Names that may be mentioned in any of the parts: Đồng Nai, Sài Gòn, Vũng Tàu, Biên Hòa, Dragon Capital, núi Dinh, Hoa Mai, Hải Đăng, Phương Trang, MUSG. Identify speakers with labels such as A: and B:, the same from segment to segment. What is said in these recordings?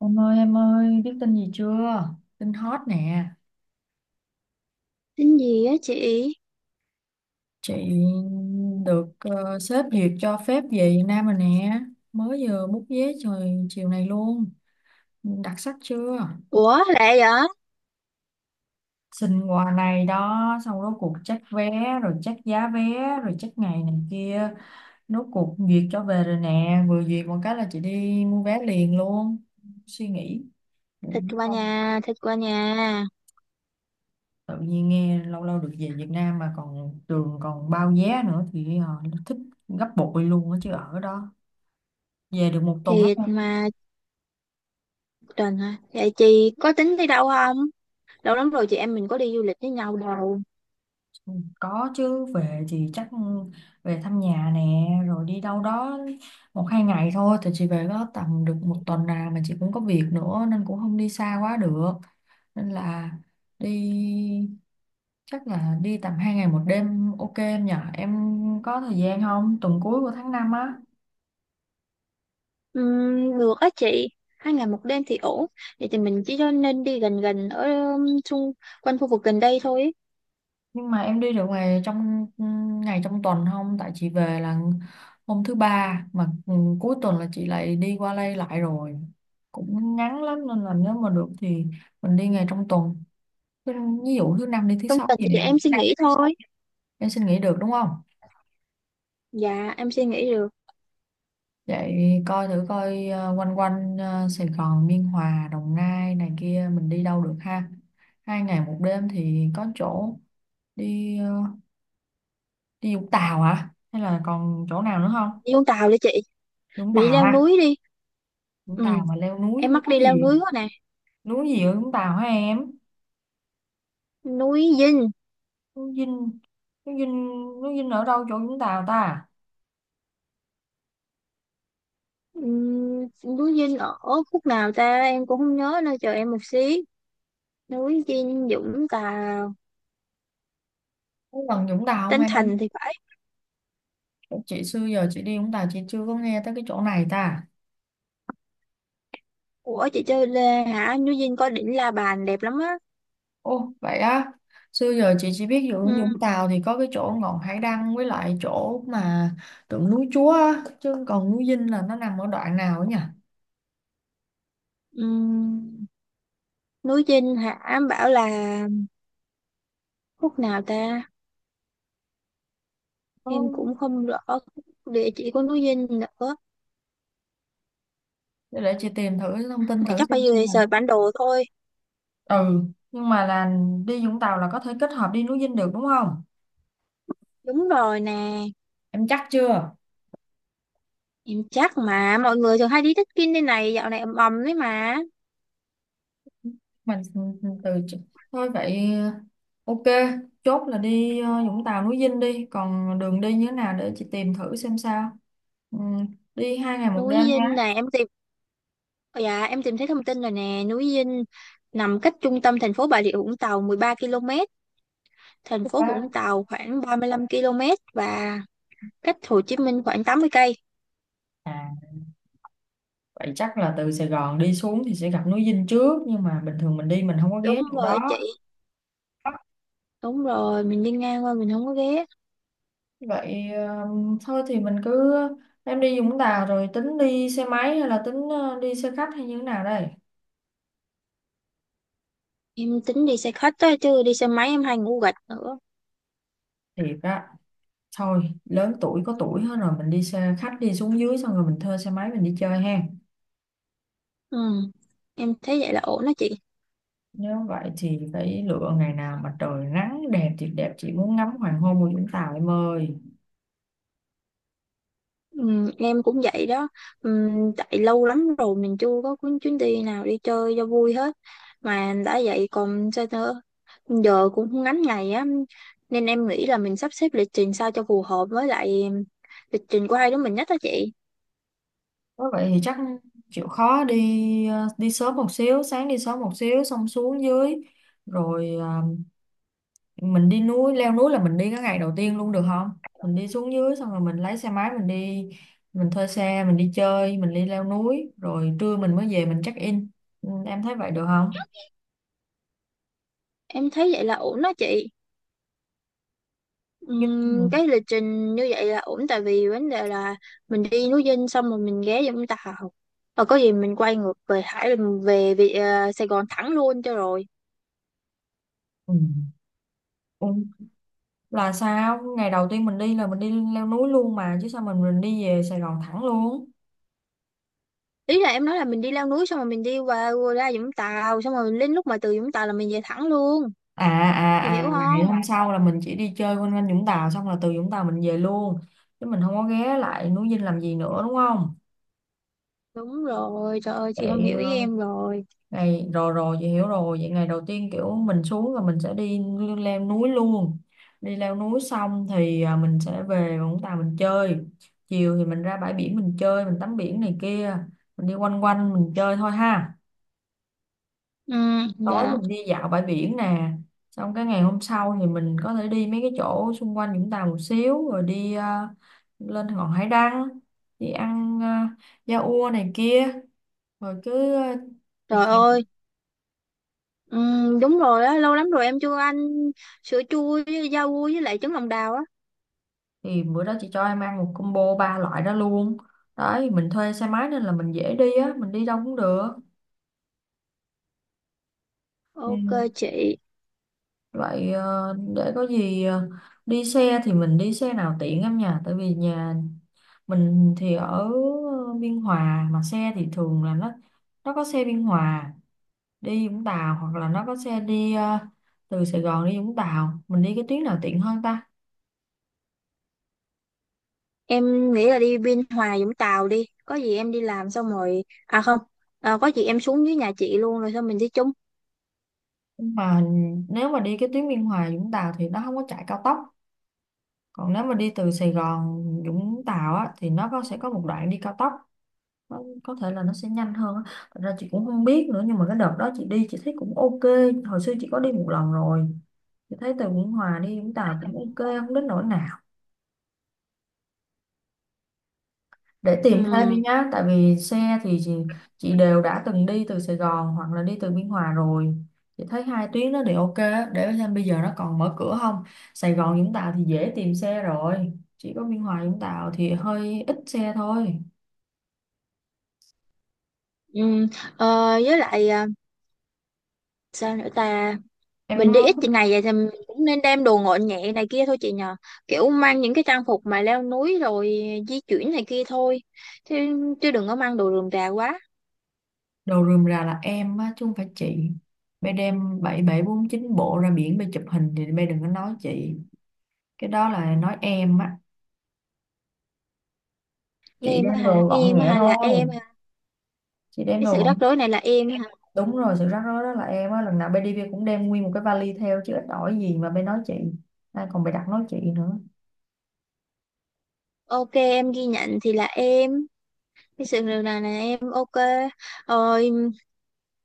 A: Em ơi em ơi, biết tin gì chưa? Tin hot nè.
B: Tính gì á chị?
A: Chị được, sếp duyệt cho phép về Việt Nam rồi nè. Mới vừa bút vé, trời chiều này luôn. Đặc sắc chưa?
B: Ủa lẹ vậy?
A: Xin quà này đó. Xong rốt cuộc check vé, rồi check giá vé, rồi check ngày này kia. Rốt cuộc duyệt cho về rồi nè, vừa duyệt một cái là chị đi mua vé liền luôn, suy nghĩ.
B: Thịt qua nhà, thịt qua nhà.
A: Tự nhiên nghe lâu lâu được về Việt Nam mà còn trường còn bao vé nữa thì, nó thích gấp bội luôn á chứ ở đó. Về được một tuần á.
B: Thiệt mà. Trần hả? Vậy chị có tính đi đâu không? Lâu lắm rồi chị em mình có đi du lịch với nhau đâu.
A: Có chứ, về thì chắc, về thăm nhà nè rồi đi đâu đó một hai ngày thôi, thì chị về có tầm được một tuần nào mà chị cũng có việc nữa nên cũng không đi xa quá được, nên là đi, chắc là đi tầm hai ngày một đêm, ok em nhở, em có thời gian không? Tuần cuối của tháng 5 á.
B: Được á chị. Hai ngày một đêm thì ổn. Vậy thì mình chỉ cho nên đi gần gần ở xung quanh khu vực gần đây thôi.
A: Nhưng mà em đi được ngày trong tuần không? Tại chị về là hôm thứ ba mà, cuối tuần là chị lại đi qua đây lại rồi. Cũng ngắn lắm nên là nếu mà được thì mình đi ngày trong tuần. Thứ- Ví dụ thứ năm đi, thứ
B: Trong
A: sáu
B: tuần
A: gì
B: thì
A: nè,
B: em suy nghĩ thôi.
A: em xin nghỉ được đúng không?
B: Dạ em suy nghĩ được.
A: Vậy coi thử coi, quanh quanh, Sài Gòn, Biên Hòa, Đồng Nai này kia mình đi đâu được ha. Hai ngày một đêm thì có chỗ đi, đi Vũng Tàu hả? Hay là còn chỗ nào nữa không?
B: Đi Vũng Tàu đi chị.
A: Vũng
B: Mình đi
A: Tàu
B: leo
A: ha.
B: núi đi.
A: Vũng Tàu
B: Ừ,
A: mà leo núi,
B: em mắc
A: núi
B: đi leo
A: gì?
B: núi quá nè.
A: Núi gì ở Vũng Tàu hả em?
B: Núi Dinh.
A: Núi Dinh. Núi Dinh. Núi Dinh ở đâu chỗ Vũng Tàu ta?
B: Núi Dinh ở khúc nào ta em cũng không nhớ nên chờ em một xí. Núi Dinh Dũng Tàu.
A: Có gần Vũng Tàu không
B: Tân
A: em?
B: Thành thì phải.
A: Chị xưa giờ chị đi Vũng Tàu chị chưa có nghe tới cái chỗ này ta.
B: Của chị chơi Lê hả, núi Dinh có đỉnh La Bàn đẹp lắm á.
A: Ô vậy á, xưa giờ chị chỉ biết Vũng
B: Ừm,
A: Vũng Tàu thì có cái chỗ ngọn Hải Đăng với lại chỗ mà tượng núi Chúa á, chứ còn núi Dinh là nó nằm ở đoạn nào ấy nhỉ?
B: ừm, Núi Dinh hả, em bảo là khúc nào ta, em
A: Có-
B: cũng không rõ địa chỉ của núi Dinh nữa,
A: để chị tìm thử thông tin thử
B: mà chắc phải
A: xem
B: về
A: là nó,
B: search bản đồ thôi.
A: ừ nhưng mà là đi Vũng Tàu là có thể kết hợp đi núi Dinh được đúng không?
B: Đúng rồi nè.
A: Em chắc chưa?
B: Em chắc mà, mọi người thường hay đi trekking đây này, dạo này ầm ầm đấy mà.
A: Mình từ Thôi vậy, ok, chốt là đi, Vũng Tàu núi Dinh đi, còn đường đi như thế nào để chị tìm thử xem sao, ừ, đi hai ngày một
B: Núi
A: đêm
B: Dinh
A: nhá.
B: này em tìm. Ờ, dạ, em tìm thấy thông tin rồi nè, núi Dinh nằm cách trung tâm thành phố Bà Rịa Vũng Tàu 13 km, thành phố Vũng Tàu khoảng 35 km, và cách Hồ Chí Minh khoảng 80 cây.
A: À, vậy chắc là từ Sài Gòn đi xuống thì sẽ gặp núi Dinh trước nhưng mà bình thường mình đi mình không có
B: Đúng
A: ghé chỗ
B: rồi
A: đó.
B: chị, đúng rồi, mình đi ngang qua mình không có ghé.
A: Vậy, thôi thì mình cứ, em đi Vũng Tàu rồi tính đi xe máy hay là tính, đi xe khách hay như thế nào đây?
B: Em tính đi xe khách đó, chứ đi xe máy em hay ngủ gật nữa.
A: Thiệt á? Thôi lớn tuổi có tuổi hết rồi, mình đi xe khách đi xuống dưới xong rồi mình thuê xe máy mình đi chơi ha.
B: Ừ. Em thấy vậy là ổn đó chị.
A: Nếu vậy thì phải lựa ngày nào mà trời nắng đẹp thì đẹp, chị muốn ngắm hoàng hôn của Vũng Tàu em ơi.
B: Ừ, em cũng vậy đó. Ừ, tại lâu lắm rồi mình chưa có cuốn chuyến đi nào đi chơi cho vui hết. Mà đã vậy còn sao nữa, giờ cũng không ngắn ngày á, nên em nghĩ là mình sắp xếp lịch trình sao cho phù hợp với lại lịch trình của hai đứa mình nhất đó chị.
A: Nếu vậy thì chắc chịu khó đi, đi sớm một xíu, sáng đi sớm một xíu xong xuống dưới rồi, mình đi núi leo núi là mình đi cái ngày đầu tiên luôn được không? Mình đi xuống dưới xong rồi mình lấy xe máy mình đi, mình thuê xe mình đi chơi, mình đi leo núi rồi trưa mình mới về mình check in. Ừ, em thấy vậy được không?
B: Em thấy vậy là ổn đó chị.
A: Ừ,
B: Cái lịch trình như vậy là ổn, tại vì vấn đề là mình đi núi Dinh xong rồi mình ghé Vũng Tàu, và có gì mình quay ngược về Hải mình về, Sài Gòn thẳng luôn cho rồi.
A: ừ, ừ. Là sao? Ngày đầu tiên mình đi là mình đi leo núi luôn mà, chứ sao mình đi về Sài Gòn thẳng luôn?
B: Ý là em nói là mình đi leo núi xong rồi mình đi qua ra Vũng Tàu, xong rồi đến lúc mà từ Vũng Tàu là mình về thẳng luôn,
A: À, à,
B: chị
A: à,
B: hiểu
A: là ngày
B: không?
A: hôm sau là mình chỉ đi chơi quanh quanh Vũng Tàu, xong là từ Vũng Tàu mình về luôn, chứ mình không có ghé lại núi Dinh làm gì nữa đúng không?
B: Đúng rồi, trời ơi chị không
A: Vậy,
B: hiểu ý em rồi.
A: ngày rồi rồi chị hiểu rồi. Vậy ngày đầu tiên kiểu mình xuống là mình sẽ đi leo núi luôn, đi leo núi xong thì, mình sẽ về Vũng Tàu mình chơi. Chiều thì mình ra bãi biển mình chơi mình tắm biển này kia, mình đi quanh quanh mình chơi thôi ha.
B: Ừ.
A: Tối
B: Dạ.
A: mình đi dạo bãi biển nè. Xong cái ngày hôm sau thì mình có thể đi mấy cái chỗ xung quanh Vũng Tàu một xíu rồi đi, lên ngọn hải đăng, đi ăn, da ua này kia, rồi cứ,
B: Trời ơi, đúng rồi á, lâu lắm rồi em chưa ăn sữa chua với rau vui với lại trứng lòng đào á.
A: thì bữa đó chị cho em ăn một combo ba loại đó luôn. Đấy, mình thuê xe máy nên là mình dễ đi á, mình đi đâu cũng được.
B: Ok
A: Ừ.
B: chị,
A: Vậy, để có gì, đi xe thì mình đi xe nào tiện em nhỉ? Tại vì nhà mình thì ở Biên Hòa mà xe thì thường là nó có xe Biên Hòa đi Vũng Tàu hoặc là nó có xe đi, từ Sài Gòn đi Vũng Tàu, mình đi cái tuyến nào tiện hơn ta?
B: em nghĩ là đi Biên Hòa Vũng Tàu đi, có gì em đi làm xong rồi, à không, à, có gì em xuống dưới nhà chị luôn rồi xong mình đi chung.
A: Nhưng mà nếu mà đi cái tuyến Biên Hòa Vũng Tàu thì nó không có chạy cao tốc, còn nếu mà đi từ Sài Gòn Vũng Tàu á, thì nó có sẽ có một đoạn đi cao tốc, nó có thể là nó sẽ nhanh hơn á. Thật ra chị cũng không biết nữa nhưng mà cái đợt đó chị đi chị thấy cũng ok. Hồi xưa chị có đi một lần rồi, chị thấy từ Biên Hòa đi Vũng Tàu cũng ok, không đến nỗi nào. Để
B: Ừ,
A: tìm thêm đi nhá, tại vì xe thì chị đều đã từng đi từ Sài Gòn hoặc là đi từ Biên Hòa rồi. Chị thấy hai tuyến đó thì ok á, để xem bây giờ nó còn mở cửa không. Sài Gòn Vũng Tàu thì dễ tìm xe rồi, chỉ có Biên Hòa Vũng Tàu thì hơi ít xe thôi.
B: ừ. Ờ, với lại à, sao nữa ta,
A: Em
B: mình đi
A: nói
B: ít
A: thích.
B: ngày vậy thì mình cũng nên đem đồ gọn nhẹ này kia thôi chị nhờ, kiểu mang những cái trang phục mà leo núi rồi di chuyển này kia thôi, chứ, chứ đừng có mang đồ rườm rà quá.
A: Đồ rườm rà là em á chứ không phải chị. Bay đem 7749 bộ ra biển bay chụp hình thì bay đừng có nói chị. Cái đó là nói em á, chị
B: Em á
A: đem
B: hả,
A: đồ gọn
B: em á
A: nhẹ
B: hả, là em
A: thôi,
B: hả?
A: chị đem
B: Cái
A: đồ
B: sự
A: gọn.
B: rắc rối này là em hả?
A: Đúng rồi, sự rắc rối đó là em á, lần nào bên đi Bia cũng đem nguyên một cái vali theo chứ ít ỏi gì mà bé nói chị. Còn bị đặt nói chị nữa.
B: Ok em ghi nhận, thì là em. Cái sự điều này là em, ok. Rồi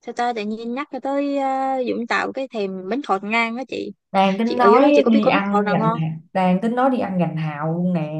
B: sao ta tự nhiên nhắc cho tới Dũng Tàu cái thèm bánh khọt ngang á chị.
A: Đang
B: Chị
A: tính
B: ở dưới đó
A: nói
B: chị có biết
A: đi
B: có bánh khọt
A: ăn
B: nào
A: gành
B: ngon?
A: Hào- đang tính nói đi ăn gành hào luôn nè.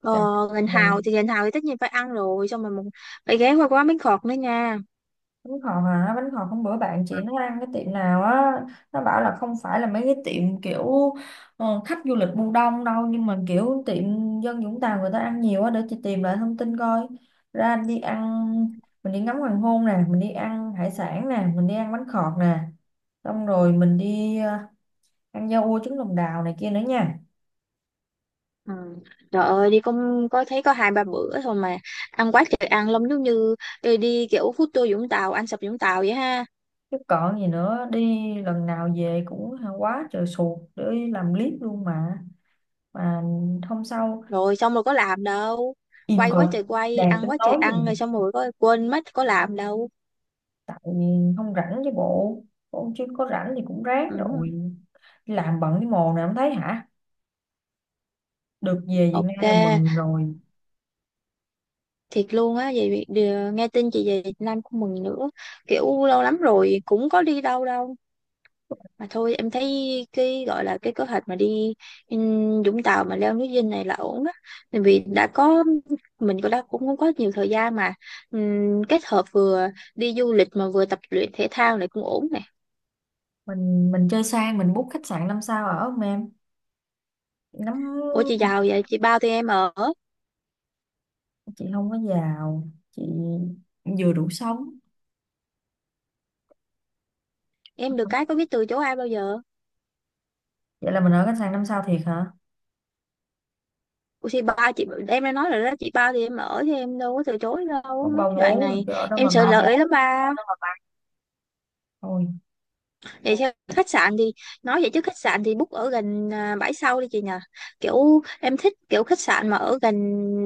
B: ờ,
A: Gành,
B: Ngành Hào
A: gành
B: thì, Ngành Hào thì tất nhiên phải ăn rồi, xong rồi mình phải ghé qua quán bánh khọt nữa nha.
A: Bánh khọt hả? Bánh khọt hôm bữa bạn chị nó ăn cái tiệm nào á, nó bảo là không phải là mấy cái tiệm kiểu, khách du lịch bu đông đâu, nhưng mà kiểu tiệm dân Vũng Tàu người ta ăn nhiều á, để chị tìm lại thông tin coi. Ra đi ăn, mình đi ngắm hoàng hôn nè, mình đi ăn hải sản nè, mình đi ăn bánh khọt nè, xong rồi mình đi, ăn da ua trứng lòng đào này kia nữa nha.
B: Ừ. Trời ơi đi cũng có thấy có hai ba bữa thôi mà ăn quá trời ăn lắm, giống như đi, đi kiểu food tour Vũng Tàu, ăn sập Vũng Tàu vậy ha.
A: Chứ còn gì nữa. Đi lần nào về cũng quá trời sụt, để làm clip luôn mà. mà Hôm sau
B: Rồi xong rồi có làm đâu,
A: im
B: quay quá
A: coi.
B: trời quay,
A: Đang tính
B: ăn quá trời
A: tối
B: ăn,
A: giùm nè.
B: rồi xong rồi có quên mất có làm đâu.
A: Tại không rảnh chứ bộ, cũng chứ có rảnh thì cũng ráng
B: Ừ.
A: rồi. Đi làm bận cái mồ này không thấy hả? Được về Việt
B: Ok.
A: Nam là mừng rồi.
B: Thiệt luôn á, vậy nghe tin chị về Việt Nam cũng mừng nữa, kiểu lâu lắm rồi cũng có đi đâu đâu. Mà thôi em thấy cái gọi là cái kế hoạch mà đi Vũng Tàu mà leo núi Dinh này là ổn á, tại vì đã có, mình cũng đã cũng không có nhiều thời gian mà. Kết hợp vừa đi du lịch mà vừa tập luyện thể thao này cũng ổn nè.
A: Mình chơi sang, mình book khách sạn năm sao ở không em? Ngắm.
B: Ủa chị giàu vậy, chị bao tụi em ở?
A: Chị không có giàu, chị vừa đủ sống.
B: Em được cái có biết từ chối ai bao giờ.
A: Vậy là mình ở khách sạn năm sao thiệt hả?
B: Ủa thì ba chị em đã nói rồi đó chị, ba thì em ở thì em đâu có từ chối đâu
A: Không
B: mấy
A: bao
B: cái đoạn
A: bố rồi
B: này.
A: chứ ở đó mà
B: Em sợ lỡ
A: bao.
B: ý lắm ba.
A: Thôi.
B: Vậy sao khách sạn thì, nói vậy chứ khách sạn thì book ở gần bãi sau đi chị nhờ, kiểu em thích kiểu khách sạn mà ở gần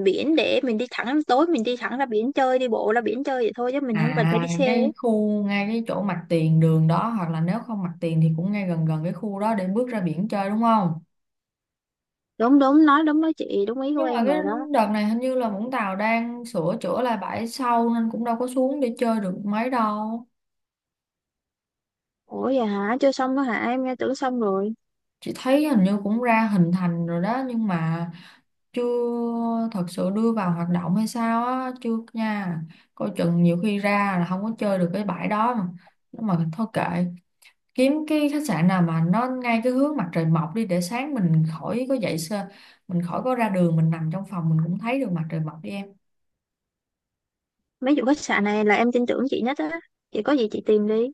B: biển để mình đi thẳng, tối mình đi thẳng ra biển chơi, đi bộ ra biển chơi vậy thôi chứ mình không cần phải
A: À,
B: đi xe
A: cái
B: ấy.
A: khu ngay cái chỗ mặt tiền đường đó hoặc là nếu không mặt tiền thì cũng ngay gần gần cái khu đó để bước ra biển chơi đúng không?
B: Đúng đúng, nói đúng đó chị, đúng ý của
A: Nhưng mà
B: em
A: cái
B: rồi đó.
A: đợt này hình như là Vũng Tàu đang sửa chữa lại bãi sau nên cũng đâu có xuống để chơi được mấy đâu.
B: Ủa vậy hả, chưa xong đó hả? Em nghe tưởng xong rồi.
A: Chị thấy hình như cũng ra hình thành rồi đó, nhưng mà chưa thật sự đưa vào hoạt động hay sao á, chưa nha. Coi chừng nhiều khi ra là không có chơi được cái bãi đó mà. Nhưng mà thôi kệ, kiếm cái khách sạn nào mà nó ngay cái hướng mặt trời mọc đi, để sáng mình khỏi có dậy sơ, mình khỏi có ra đường, mình nằm trong phòng mình cũng thấy được mặt trời mọc đi em.
B: Mấy vụ khách sạn này là em tin tưởng chị nhất á, chị có gì chị tìm đi.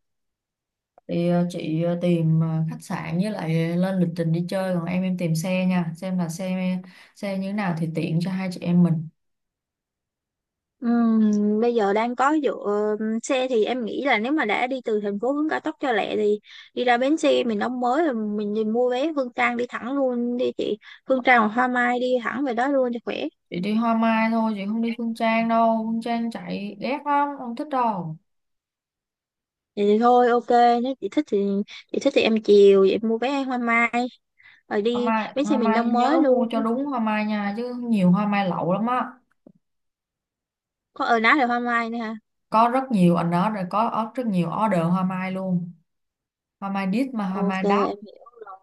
A: Thì, chị, tìm, khách sạn với lại lên lịch trình đi chơi, còn em tìm xe nha, xem là xe xe như thế nào thì tiện cho hai chị em mình.
B: Ừm, Bây giờ đang có dựa, xe thì em nghĩ là nếu mà đã đi từ thành phố hướng cao tốc cho lẹ thì đi ra bến xe mình đóng mới rồi mình đi mua vé Phương Trang đi thẳng luôn đi chị. Phương Trang hoặc Hoa Mai đi thẳng về đó luôn cho khỏe.
A: Chị đi Hoa Mai thôi, chị không đi Phương Trang đâu, Phương Trang chạy ghét lắm, không thích đâu.
B: Vậy thì thôi ok, nếu chị thích thì, chị thích thì em chiều, vậy em mua vé Hoa Mai rồi
A: Hoa
B: đi
A: Mai,
B: bến xe
A: Hoa
B: miền
A: Mai
B: Đông mới
A: nhớ mua cho
B: luôn.
A: đúng Hoa Mai nha, chứ nhiều Hoa Mai lậu lắm á.
B: Có ở ná là Hoa Mai nữa ha?
A: Có rất nhiều anh đó, rồi rất nhiều order Hoa Mai luôn. Hoa Mai đít mà Hoa
B: Ok
A: Mai đáp.
B: em hiểu. Rồi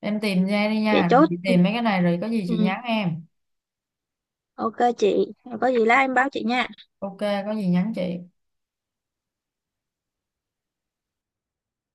A: Em tìm ra đi
B: vậy
A: nha, rồi
B: chốt.
A: chị tìm mấy cái này, rồi có gì chị
B: Ừ,
A: nhắn em.
B: ok chị, có gì lát em báo chị nha.
A: Ok, có gì nhắn chị.